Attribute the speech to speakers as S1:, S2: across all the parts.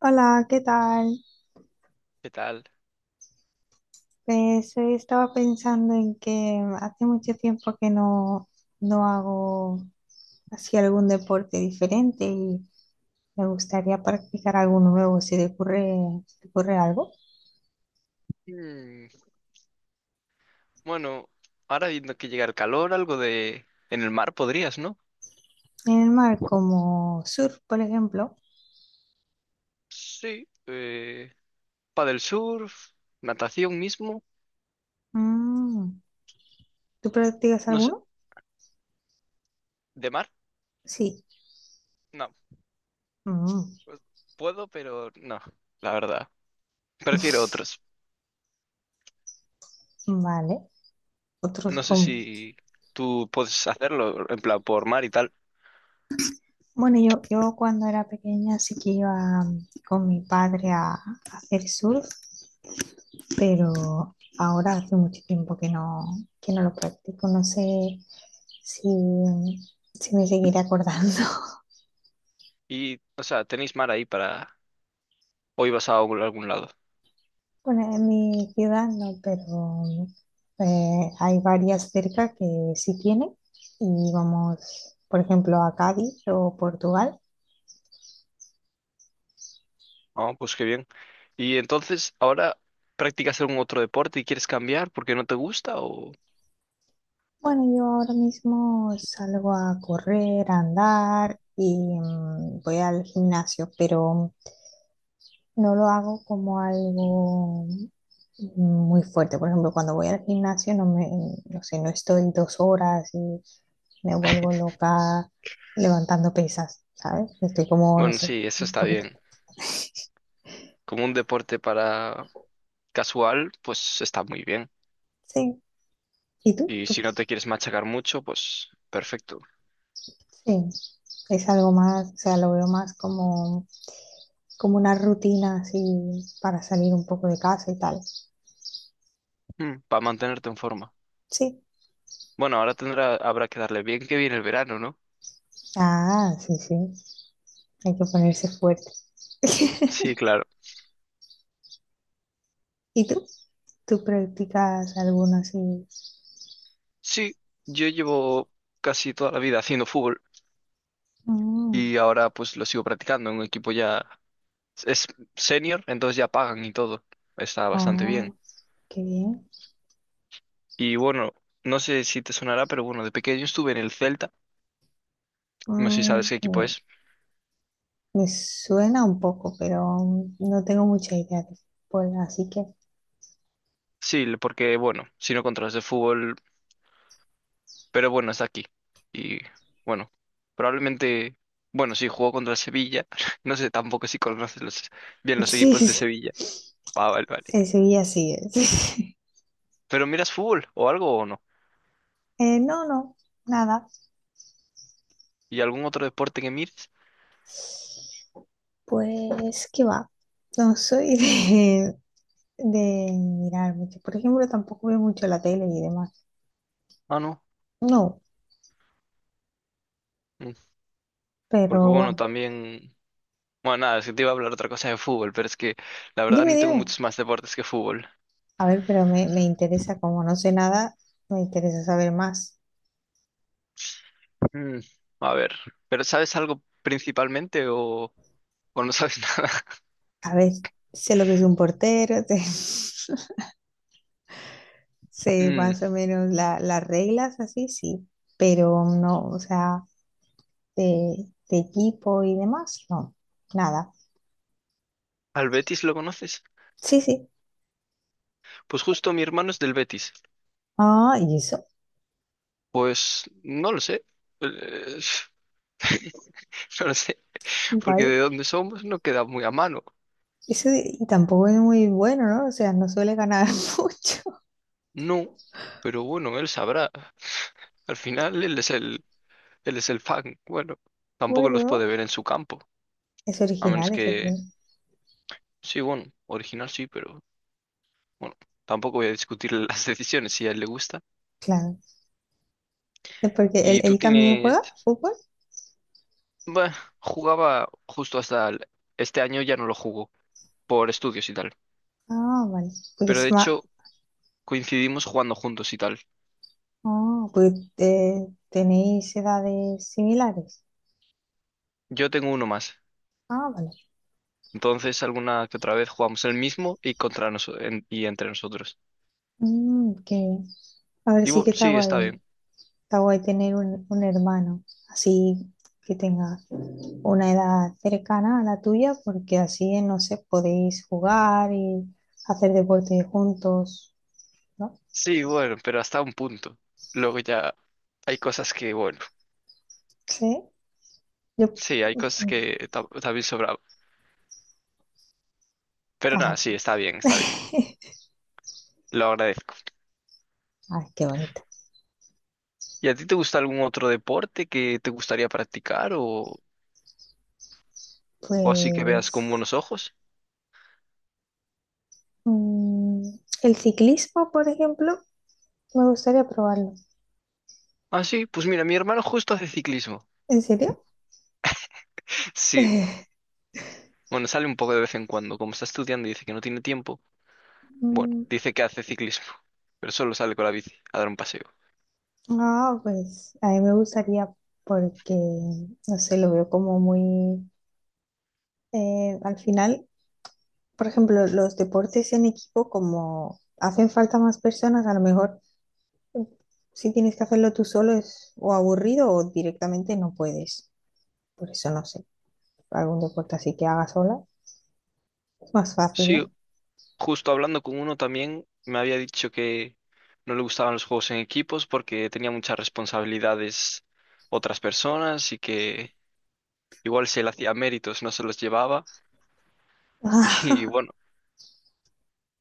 S1: Hola, ¿qué tal?
S2: ¿Qué tal?
S1: Pues hoy estaba pensando en que hace mucho tiempo que no, no hago así algún deporte diferente y me gustaría practicar alguno nuevo si te ocurre algo.
S2: Mm, Bueno, ahora viendo que llega el calor, algo de... En el mar podrías, ¿no?
S1: En el mar, como surf, por ejemplo.
S2: Sí. Del surf, natación mismo,
S1: Mm, ¿Tú practicas
S2: no sé.
S1: alguno?
S2: ¿De mar?
S1: Sí.
S2: No.
S1: Mm,
S2: Pues, puedo, pero no, la verdad. Prefiero otros.
S1: vale. Otros
S2: No sé
S1: como.
S2: si tú puedes hacerlo, en plan, por mar y tal.
S1: Bueno, yo cuando era pequeña sí que iba con mi padre a hacer surf, pero ahora hace mucho tiempo que no, lo practico. No sé si, si me seguiré acordando.
S2: Y, o sea, tenéis mar ahí para... Hoy vas a algún lado.
S1: Bueno, en mi ciudad no, pero hay varias cerca que sí tienen y vamos, por ejemplo, a Cádiz o Portugal.
S2: Ah, pues qué bien. Y entonces, ahora... ¿Practicas algún otro deporte y quieres cambiar porque no te gusta o...?
S1: Bueno, yo ahora mismo salgo a correr, a andar y voy al gimnasio, pero no lo hago como algo muy fuerte. Por ejemplo, cuando voy al gimnasio no me, no sé, no estoy dos horas y me vuelvo loca levantando pesas, ¿sabes? Estoy como, no
S2: Bueno,
S1: sé,
S2: sí, eso
S1: un
S2: está
S1: poquito.
S2: bien. Como un deporte para casual, pues está muy bien.
S1: Sí. ¿Y tú?
S2: Y
S1: ¿Tú?
S2: si no te quieres machacar mucho, pues perfecto.
S1: Sí. Es algo más, o sea, lo veo más como, una rutina así para salir un poco de casa y tal.
S2: Para mantenerte en forma.
S1: Sí.
S2: Bueno, ahora tendrá, habrá que darle bien que viene el verano, ¿no?
S1: Ah, sí, sí. Hay que ponerse fuerte.
S2: Sí, claro.
S1: ¿Y tú? ¿Tú practicas alguna así?
S2: Sí, yo llevo casi toda la vida haciendo fútbol
S1: Mm,
S2: y ahora pues lo sigo practicando en un equipo ya es senior, entonces ya pagan y todo. Está bastante
S1: oh,
S2: bien.
S1: qué bien.
S2: Y bueno, no sé si te sonará, pero bueno, de pequeño estuve en el Celta. No sé si
S1: Mm,
S2: sabes qué equipo
S1: no,
S2: es.
S1: me suena un poco, pero no tengo mucha idea de fútbol, así que
S2: Sí, porque bueno, si no controlas el fútbol, pero bueno, está aquí. Y bueno, probablemente, bueno, sí, jugó contra Sevilla. No sé tampoco si conoces bien los
S1: sí,
S2: equipos de
S1: sí,
S2: Sevilla. Ah, vale, vale.
S1: sí, el Sevilla sí. Sí.
S2: Pero miras fútbol o algo o no.
S1: No, no, nada.
S2: ¿Y algún otro deporte que mires?
S1: Pues qué va. No soy de, mirar mucho. Por ejemplo, tampoco veo mucho la tele y demás.
S2: Ah, no.
S1: No,
S2: Mm, Porque
S1: pero
S2: bueno,
S1: bueno.
S2: también... Bueno, nada, es que te iba a hablar otra cosa de fútbol, pero es que la verdad
S1: Dime,
S2: no tengo
S1: dime.
S2: muchos más deportes que fútbol.
S1: A ver, pero me interesa, como no sé nada, me interesa saber más.
S2: Mm, a ver, ¿pero sabes algo principalmente o no sabes nada?
S1: A ver, sé lo que es un portero, sé, sé
S2: Mm,
S1: más o menos las reglas, así sí, pero no, o sea, de equipo y demás, no, nada.
S2: ¿al Betis lo conoces?
S1: Sí, sí.
S2: Pues justo mi hermano es del Betis.
S1: Ah, y eso,
S2: Pues no lo sé. Eh, No lo sé. Porque
S1: vale.
S2: de dónde somos no queda muy a mano.
S1: Y tampoco es muy bueno, ¿no? O sea, no suele ganar mucho.
S2: No. Pero bueno, él sabrá. Al final él es el fan. Bueno, tampoco los puede
S1: Bueno,
S2: ver en su campo.
S1: es
S2: A menos
S1: original ese tío.
S2: que, sí, bueno, original sí, pero bueno, tampoco voy a discutir las decisiones si a él le gusta.
S1: Claro. Es porque él,
S2: Y tú
S1: él también
S2: tienes,
S1: juega fútbol.
S2: bueno, jugaba justo hasta este año ya no lo jugó por estudios y tal.
S1: Ah, vale. Porque
S2: Pero
S1: es
S2: de
S1: más.
S2: hecho, coincidimos jugando juntos y tal.
S1: Ah, pues tenéis edades similares.
S2: Yo tengo uno más.
S1: Ah, vale.
S2: Entonces, alguna que otra vez jugamos el mismo y contra nosotros y entre nosotros.
S1: Mm, ok. A ver,
S2: Y
S1: sí que
S2: bueno,
S1: está
S2: sí, está
S1: guay.
S2: bien.
S1: Está guay tener un hermano, así que tenga una edad cercana a la tuya, porque así, no sé, podéis jugar y hacer deporte juntos, ¿no?
S2: Sí, bueno, pero hasta un punto. Luego ya hay cosas que, bueno,
S1: Sí, yo.
S2: sí, hay cosas
S1: Mm,
S2: que también sobraba. Pero nada,
S1: ah,
S2: sí, está bien, está bien. Lo agradezco.
S1: ay, qué bonito.
S2: ¿Y a ti te gusta algún otro deporte que te gustaría practicar o así que veas con
S1: Pues
S2: buenos ojos?
S1: mm, el ciclismo, por ejemplo, me gustaría probarlo.
S2: Ah, sí, pues mira, mi hermano justo hace ciclismo.
S1: ¿En serio?
S2: Sí, bueno, sale un poco de vez en cuando. Como está estudiando y dice que no tiene tiempo, bueno,
S1: Mm,
S2: dice que hace ciclismo, pero solo sale con la bici a dar un paseo.
S1: ah, pues a mí me gustaría porque, no sé, lo veo como muy. Al final, por ejemplo, los deportes en equipo, como hacen falta más personas, a lo mejor mm, si tienes que hacerlo tú solo es o aburrido o directamente no puedes. Por eso, no sé, algún deporte así que haga sola es más fácil,
S2: Sí,
S1: ¿no?
S2: justo hablando con uno también me había dicho que no le gustaban los juegos en equipos porque tenía muchas responsabilidades otras personas y que igual si él hacía méritos no se los llevaba. Y bueno,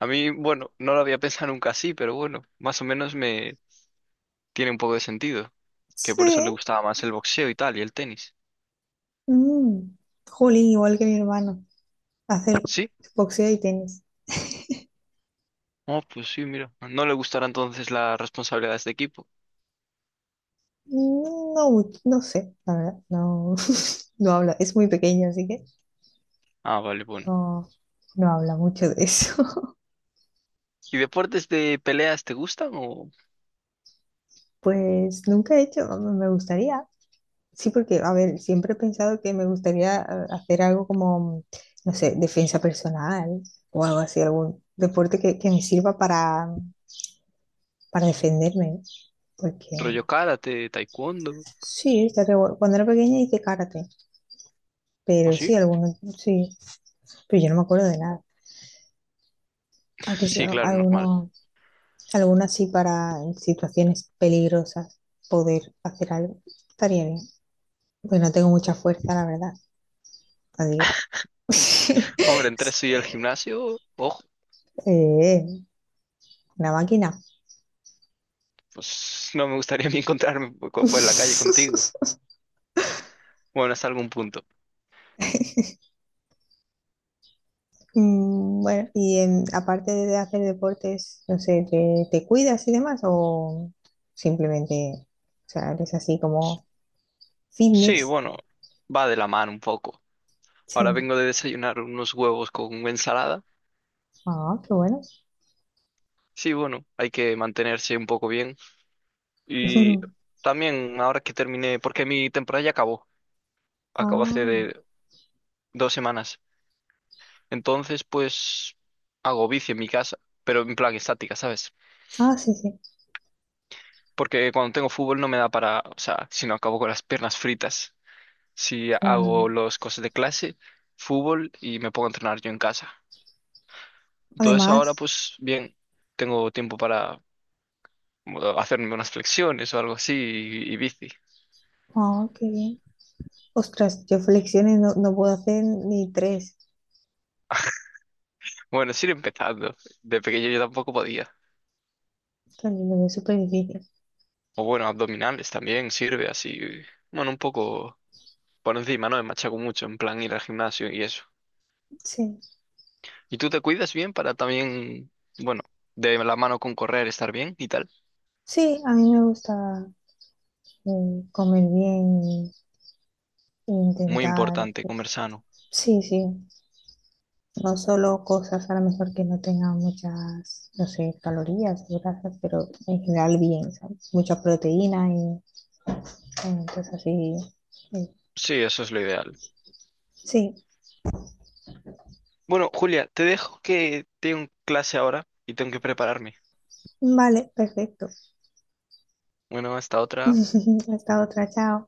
S2: a mí, bueno, no lo había pensado nunca así, pero bueno, más o menos me tiene un poco de sentido, que por eso le
S1: Sí.
S2: gustaba más el boxeo y tal y el tenis.
S1: Mm. Jolín, igual que mi hermano. Hace
S2: ¿Sí?
S1: boxeo y tenis.
S2: Oh, pues sí, mira, no le gustará entonces las responsabilidades de equipo.
S1: No, no sé, la verdad, no, no habla, es muy pequeño, así que
S2: Ah, vale, bueno.
S1: no, no habla mucho de eso.
S2: ¿Y deportes de peleas te gustan? ¿O
S1: Pues nunca he hecho, me gustaría, sí, porque, a ver, siempre he pensado que me gustaría hacer algo como, no sé, defensa personal o algo así, algún deporte que, me sirva para defenderme, porque
S2: rollo karate, taekwondo?
S1: sí, estaría guay. Cuando era pequeña hice karate,
S2: ¿O
S1: pero
S2: sí?
S1: sí, algunos, sí, pero yo no me acuerdo de nada. Aunque sí,
S2: Sí, claro, normal.
S1: algunos. Algunas sí para en situaciones peligrosas poder hacer algo. Estaría bien. Pues no tengo mucha fuerza, la verdad. Así que.
S2: Hombre, entre eso y el gimnasio, ojo,
S1: Eh, una máquina.
S2: pues no me gustaría ni encontrarme por por la calle contigo. Bueno, hasta algún punto.
S1: Mm, bueno, y aparte de hacer deportes, no sé, ¿te cuidas y demás? ¿O simplemente, o sea, eres así como
S2: Sí,
S1: fitness?
S2: bueno, va de la mano un poco. Ahora
S1: Sí.
S2: vengo de desayunar unos huevos con ensalada.
S1: Ah, qué bueno.
S2: Sí, bueno, hay que mantenerse un poco bien. Y también ahora que terminé, porque mi temporada ya acabó, acabó hace
S1: Ah,
S2: de 2 semanas. Entonces, pues hago bici en mi casa, pero en plan estática, ¿sabes?
S1: ah, sí, sí,
S2: Porque cuando tengo fútbol no me da para, o sea, si no acabo con las piernas fritas. Si
S1: claro.
S2: hago los cosas de clase, fútbol y me pongo a entrenar yo en casa. Entonces ahora,
S1: Además,
S2: pues bien, tengo tiempo para bueno, hacerme unas flexiones o algo así y bici.
S1: ah, qué bien. Ostras, yo flexiones no, no puedo hacer ni tres.
S2: Bueno, es ir empezando. De pequeño yo tampoco podía.
S1: También es súper difícil.
S2: O bueno, abdominales también sirve así. Bueno, un poco por encima, ¿no? Me machaco mucho en plan ir al gimnasio y eso.
S1: Sí.
S2: ¿Y tú te cuidas bien para también, bueno, de la mano con correr, estar bien y tal?
S1: Sí, a mí me gusta comer bien e
S2: Muy
S1: intentar.
S2: importante, comer sano.
S1: Sí, sí. No solo cosas a lo mejor que no tengan muchas, no sé, calorías o grasas, pero en general bien, ¿sabes? Mucha proteína y cosas así. Sí.
S2: Sí, eso es lo ideal.
S1: Sí.
S2: Bueno, Julia, te dejo que tengo clase ahora y tengo que prepararme.
S1: Vale, perfecto.
S2: Bueno, hasta otra.
S1: Hasta otra, chao.